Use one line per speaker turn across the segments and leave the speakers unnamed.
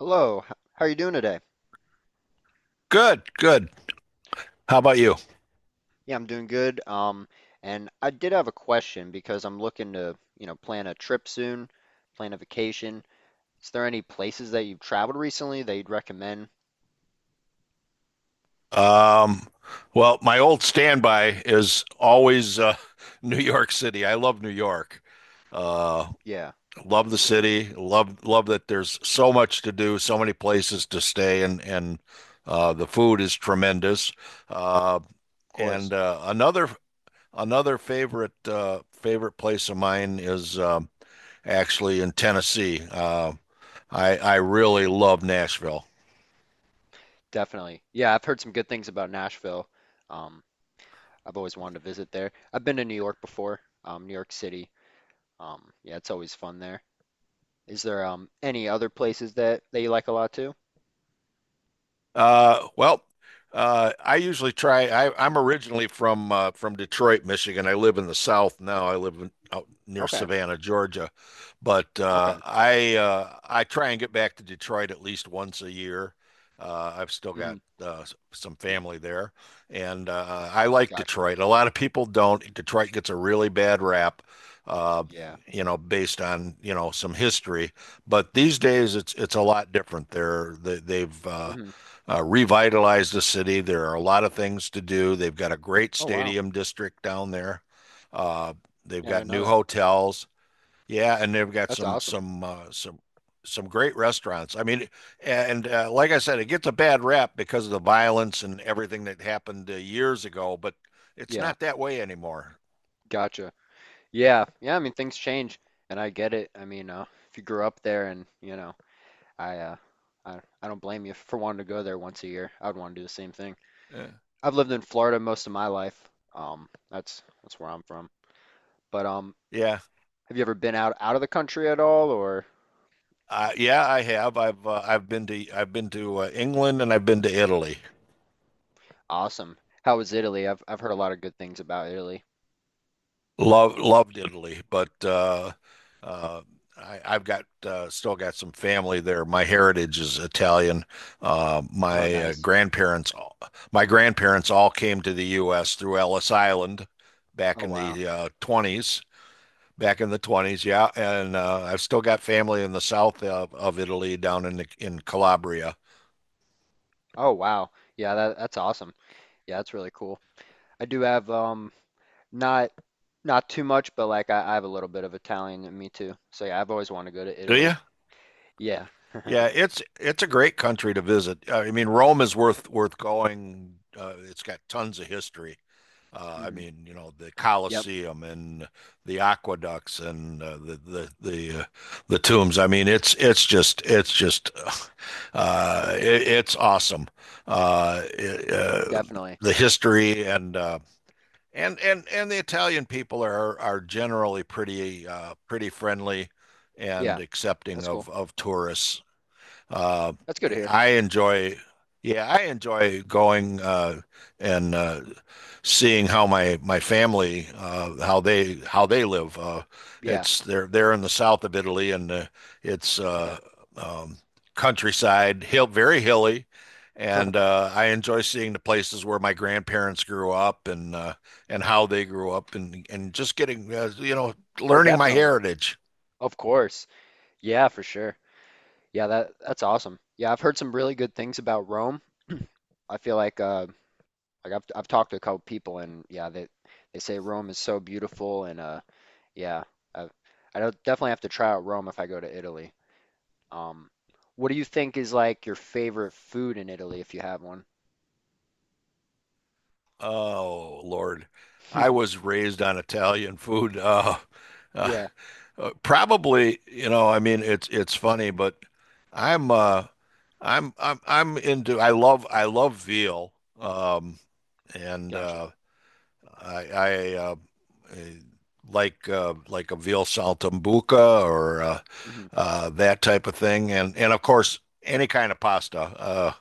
Hello, how are you doing today?
Good, good. How about you?
Yeah, I'm doing good. And I did have a question because I'm looking to, you know, plan a trip soon, plan a vacation. Is there any places that you've traveled recently that you'd recommend?
Um, well, my old standby is always New York City. I love New York. Uh,
Yeah,
love the
for sure.
city. Love that there's so much to do, so many places to stay, and the food is tremendous. Uh,
Of course.
and another another favorite favorite place of mine is actually in Tennessee. I really love Nashville.
Definitely. Yeah, I've heard some good things about Nashville. Um, I've always wanted to visit there. I've been to New York before, New York City. Yeah, it's always fun there. Is there any other places that you like a lot too?
Well, I usually try. I'm originally from Detroit, Michigan. I live in the South now. Out near
Okay.
Savannah, Georgia, but
Okay.
I try and get back to Detroit at least once a year. I've still
Hmm.
got some family there, and I like
Gotcha.
Detroit. A lot of people don't. Detroit gets a really bad rap. Uh,
Yeah.
Based on, some history, but these days it's a lot different. They're they, they've uh,
Hmm.
uh, revitalize the city. There are a lot of things to do. They've got a great
Oh, wow.
stadium district down there. Uh, they've
Yeah, I
got
didn't know
new
that.
hotels. Yeah, and they've got
That's
some
awesome.
some uh, some some great restaurants. I mean, and like I said, it gets a bad rap because of the violence and everything that happened years ago. But it's
Yeah,
not that way anymore.
gotcha. Yeah, yeah. I mean, things change, and I get it. I mean, if you grew up there, and you know, I, uh, I don't blame you for wanting to go there once a year. I would want to do the same thing.
Yeah.
I've lived in Florida most of my life. That's where I'm from. But
Yeah,
have you ever been out of the country at all, or?
yeah, I have. I've been to England and I've been to Italy.
Awesome. How was Italy? I've heard a lot of good things about Italy.
Loved Italy, but uh, I, I've got still got some family there. My heritage is Italian.
Oh,
My
nice.
grandparents all came to the U.S. through Ellis Island back
Oh,
in
wow.
the 20s. Back in the 20s, yeah, and I've still got family in the south of Italy, down in Calabria.
Oh, wow. Yeah, that's awesome. Yeah, that's really cool. I do have not not too much, but like I have a little bit of Italian in me too. So yeah, I've always wanted to go to
Do you?
Italy. Yeah.
Yeah, it's a great country to visit. I mean, Rome is worth going. It's got tons of history. I
Hmm.
mean, the
Yep,
Colosseum and the aqueducts and the tombs. I mean, it's just it's awesome. Uh, it, uh,
definitely.
the history and the Italian people are generally pretty friendly
Yeah,
and accepting
that's cool.
of tourists. Uh,
That's good to hear.
I enjoy, yeah, I enjoy going and seeing how my family how they live.
Yeah.
It's They're in the south of Italy, and it's
Okay.
um, countryside, hill very hilly, and uh, I enjoy seeing the places where my grandparents grew up and how they grew up, and just getting
Oh,
learning my
definitely.
heritage.
Of course. Yeah, for sure. Yeah, that's awesome. Yeah, I've heard some really good things about Rome. I feel like like I've talked to a couple people and yeah, they say Rome is so beautiful and yeah, I I don't definitely have to try out Rome if I go to Italy. Um, what do you think is like your favorite food in Italy if you have one?
Oh Lord, I was raised on Italian food. Uh,
Yeah,
Probably, I mean, it's funny, but I'm uh, I'm into. I love veal. Um, and
gotcha.
I eh, Like a veal saltimbocca or uh,
Hmm.
uh, that type of thing, and of course any kind of pasta. Uh,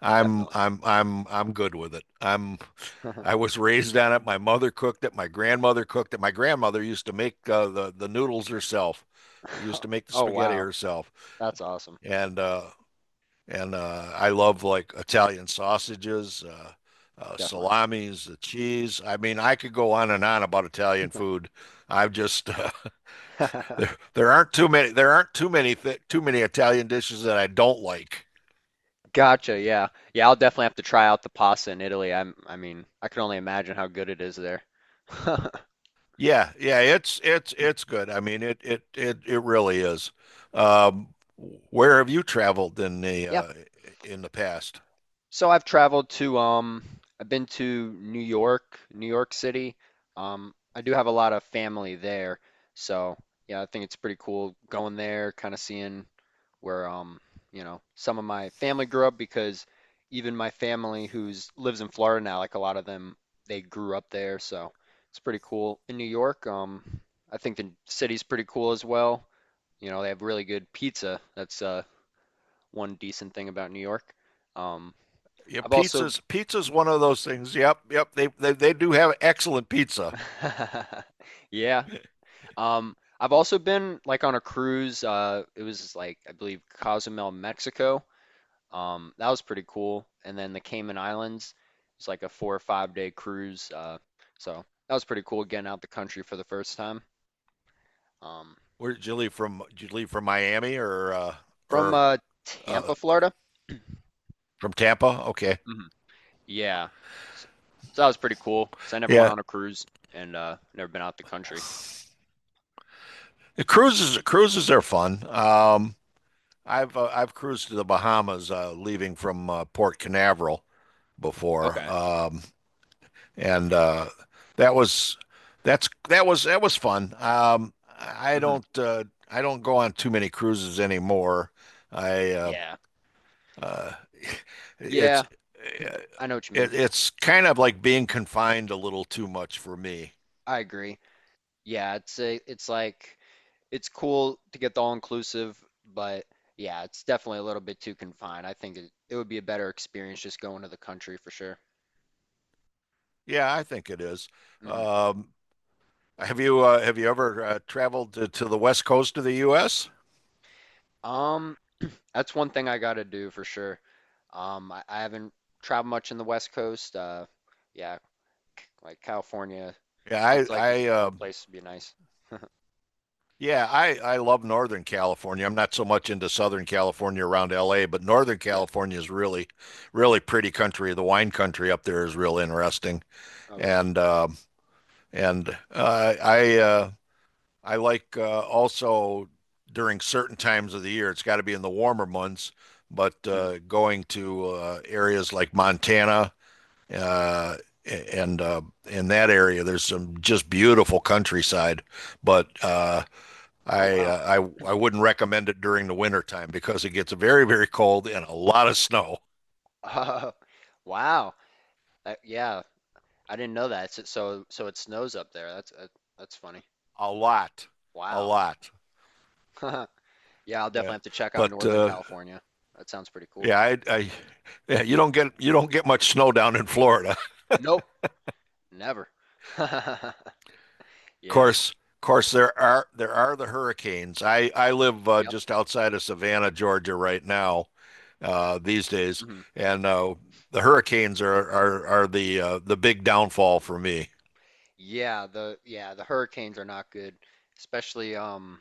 I'm
Definitely.
I'm good with it. I was raised on it. My mother cooked it. My grandmother cooked it. My grandmother used to make the noodles herself. Used to make the
Oh
spaghetti
wow,
herself,
that's awesome.
and uh, and I love like Italian sausages,
Definitely.
salamis, the cheese. I mean, I could go on and on about Italian food. I've just There aren't too many there aren't too many th too many Italian dishes that I don't like.
Gotcha. Yeah. Yeah, I'll definitely have to try out the pasta in Italy. I mean, I can only imagine how good it is there.
Yeah, yeah, it's good. I mean, it really is. Um, where have you traveled
Yeah.
in the past?
So I've traveled to I've been to New York, New York City. I do have a lot of family there. So, yeah, I think it's pretty cool going there, kind of seeing where you know, some of my family grew up because even my family who's lives in Florida now, like a lot of them, they grew up there, so it's pretty cool. In New York, I think the city's pretty cool as well. You know, they have really good pizza. That's one decent thing about New York. Um,
Yeah,
I've also
pizza's one of those things. Yep, yep. They do have excellent pizza.
yeah. I've also been like on a cruise. It was like I believe Cozumel, Mexico. That was pretty cool. And then the Cayman Islands, it's like a 4 or 5 day cruise. So that was pretty cool getting out the country for the first time. Um,
Where did you leave from? Did you leave from Miami or uh,
from
or
uh,
uh,
Tampa, Florida.
from Tampa? Okay,
Hmm. Yeah. S- So that was pretty cool because I never went
yeah.
on a cruise and never been out the country.
The cruises are fun. I've cruised to the Bahamas, leaving from Port Canaveral before,
Okay.
and that was that's that was fun.
Hmm.
I don't go on too many cruises anymore. I
Yeah.
Uh,
Yeah,
it's uh,
I know what you mean.
it's kind of like being confined a little too much for me.
I agree. Yeah, it's like it's cool to get the all inclusive, but yeah, it's definitely a little bit too confined. I think it would be a better experience just going to the country for sure.
Yeah, I think it is.
Hmm.
Um, have you ever traveled to the west coast of the U.S.?
Um, that's one thing I gotta do for sure. I haven't traveled much in the West Coast. Yeah, like California
Yeah,
seems like one place would be nice.
I love Northern California. I'm not so much into Southern California around L.A., but Northern
Yeah.
California is really pretty country. The wine country up there is real interesting,
Oh, really?
and um and I like also during certain times of the year. It's got to be in the warmer months, but
Hmm.
going to areas like Montana uh, and in that area, there's some just beautiful countryside. But
Oh,
I,
wow.
uh, I I wouldn't recommend it during the winter time because it gets very very cold and a lot of snow,
wow. Yeah, I didn't know that. So it snows up there. That's funny.
a lot, a
Wow.
lot.
Yeah, I'll definitely
Yeah,
have to check out
but
Northern California. That sounds pretty cool.
yeah, I yeah, you don't get much snow down in Florida.
Nope, never. Yeah.
Of course, there are the hurricanes. I live
Yep.
just outside of Savannah, Georgia, right now, these days,
Hmm.
and the hurricanes are the big downfall for me.
Yeah, the hurricanes are not good. Especially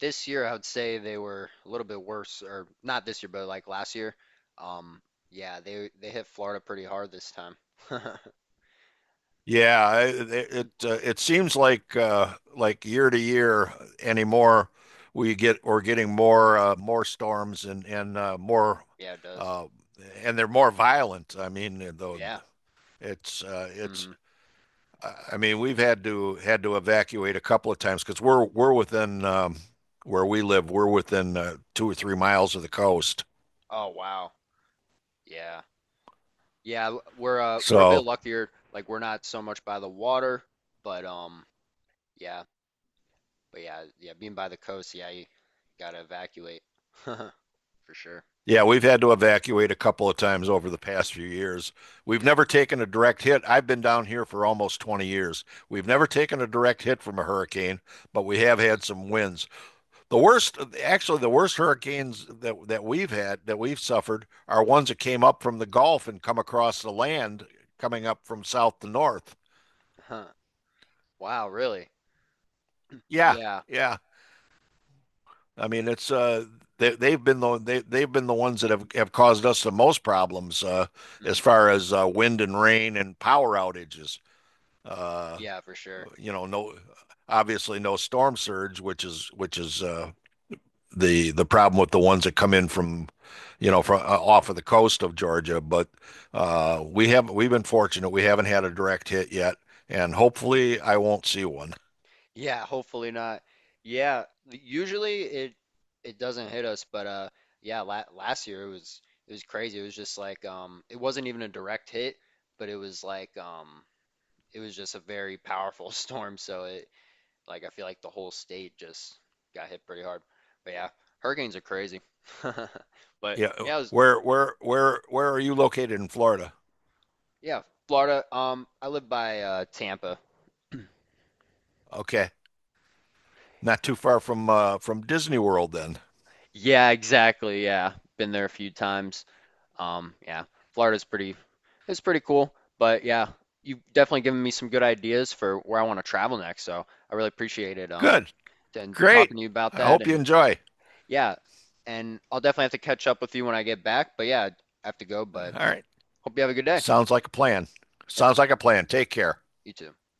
this year I would say they were a little bit worse or not this year, but like last year. Um yeah, they hit Florida pretty hard this time.
Yeah, it seems like year to year anymore, we're getting more storms
Yeah, it does.
uh, and they're more violent. I mean, though
Yeah.
it's
Hmm.
I mean, we've had to evacuate a couple of times because we're within where we live. We're within 2 or 3 miles of the coast.
Oh, wow. Yeah. Yeah, we're a bit
So
luckier. Like we're not so much by the water, but yeah, but yeah, yeah, being by the coast, yeah, you gotta evacuate for sure.
yeah, we've had to evacuate a couple of times over the past few years. We've
Yep,
never taken a direct hit. I've been down here for almost 20 years. We've never taken a direct hit from a hurricane, but we have
that's good.
had some winds. The worst, actually, the worst hurricanes that we've had, that we've suffered, are ones that came up from the Gulf and come across the land coming up from south to north.
Huh. Wow, really?
Yeah,
Yeah.
yeah. I mean, it's they've been the ones that have caused us the most problems as
Hmm.
far as wind and rain and power outages. Uh
Yeah, for sure.
no, obviously no storm surge, which is the problem with the ones that come in from from off of the coast of Georgia, but we've been fortunate. We haven't had a direct hit yet, and
Mhm.
hopefully I won't see one.
Yeah, hopefully not. Yeah, usually it doesn't hit us, but yeah, la last year it was crazy. It was just like it wasn't even a direct hit, but it was like it was just a very powerful storm, so it, like I feel like the whole state just got hit pretty hard. But yeah, hurricanes are crazy. But
Yeah.
yeah, it was
Where are you located in Florida?
yeah, Florida. I live by Tampa.
Okay. Not too far from Disney World then.
Yeah, exactly. Yeah. Been there a few times. Yeah. Florida's pretty it's pretty cool. But yeah, you've definitely given me some good ideas for where I want to travel next. So I really appreciate it.
Good.
And
Great.
talking to you about
I
that
hope you
and
enjoy.
yeah, and I'll definitely have to catch up with you when I get back. But yeah, I have to go,
All
but
right.
hope you have a good day.
Sounds like a plan.
Yep,
Sounds like a plan. Take care.
you too.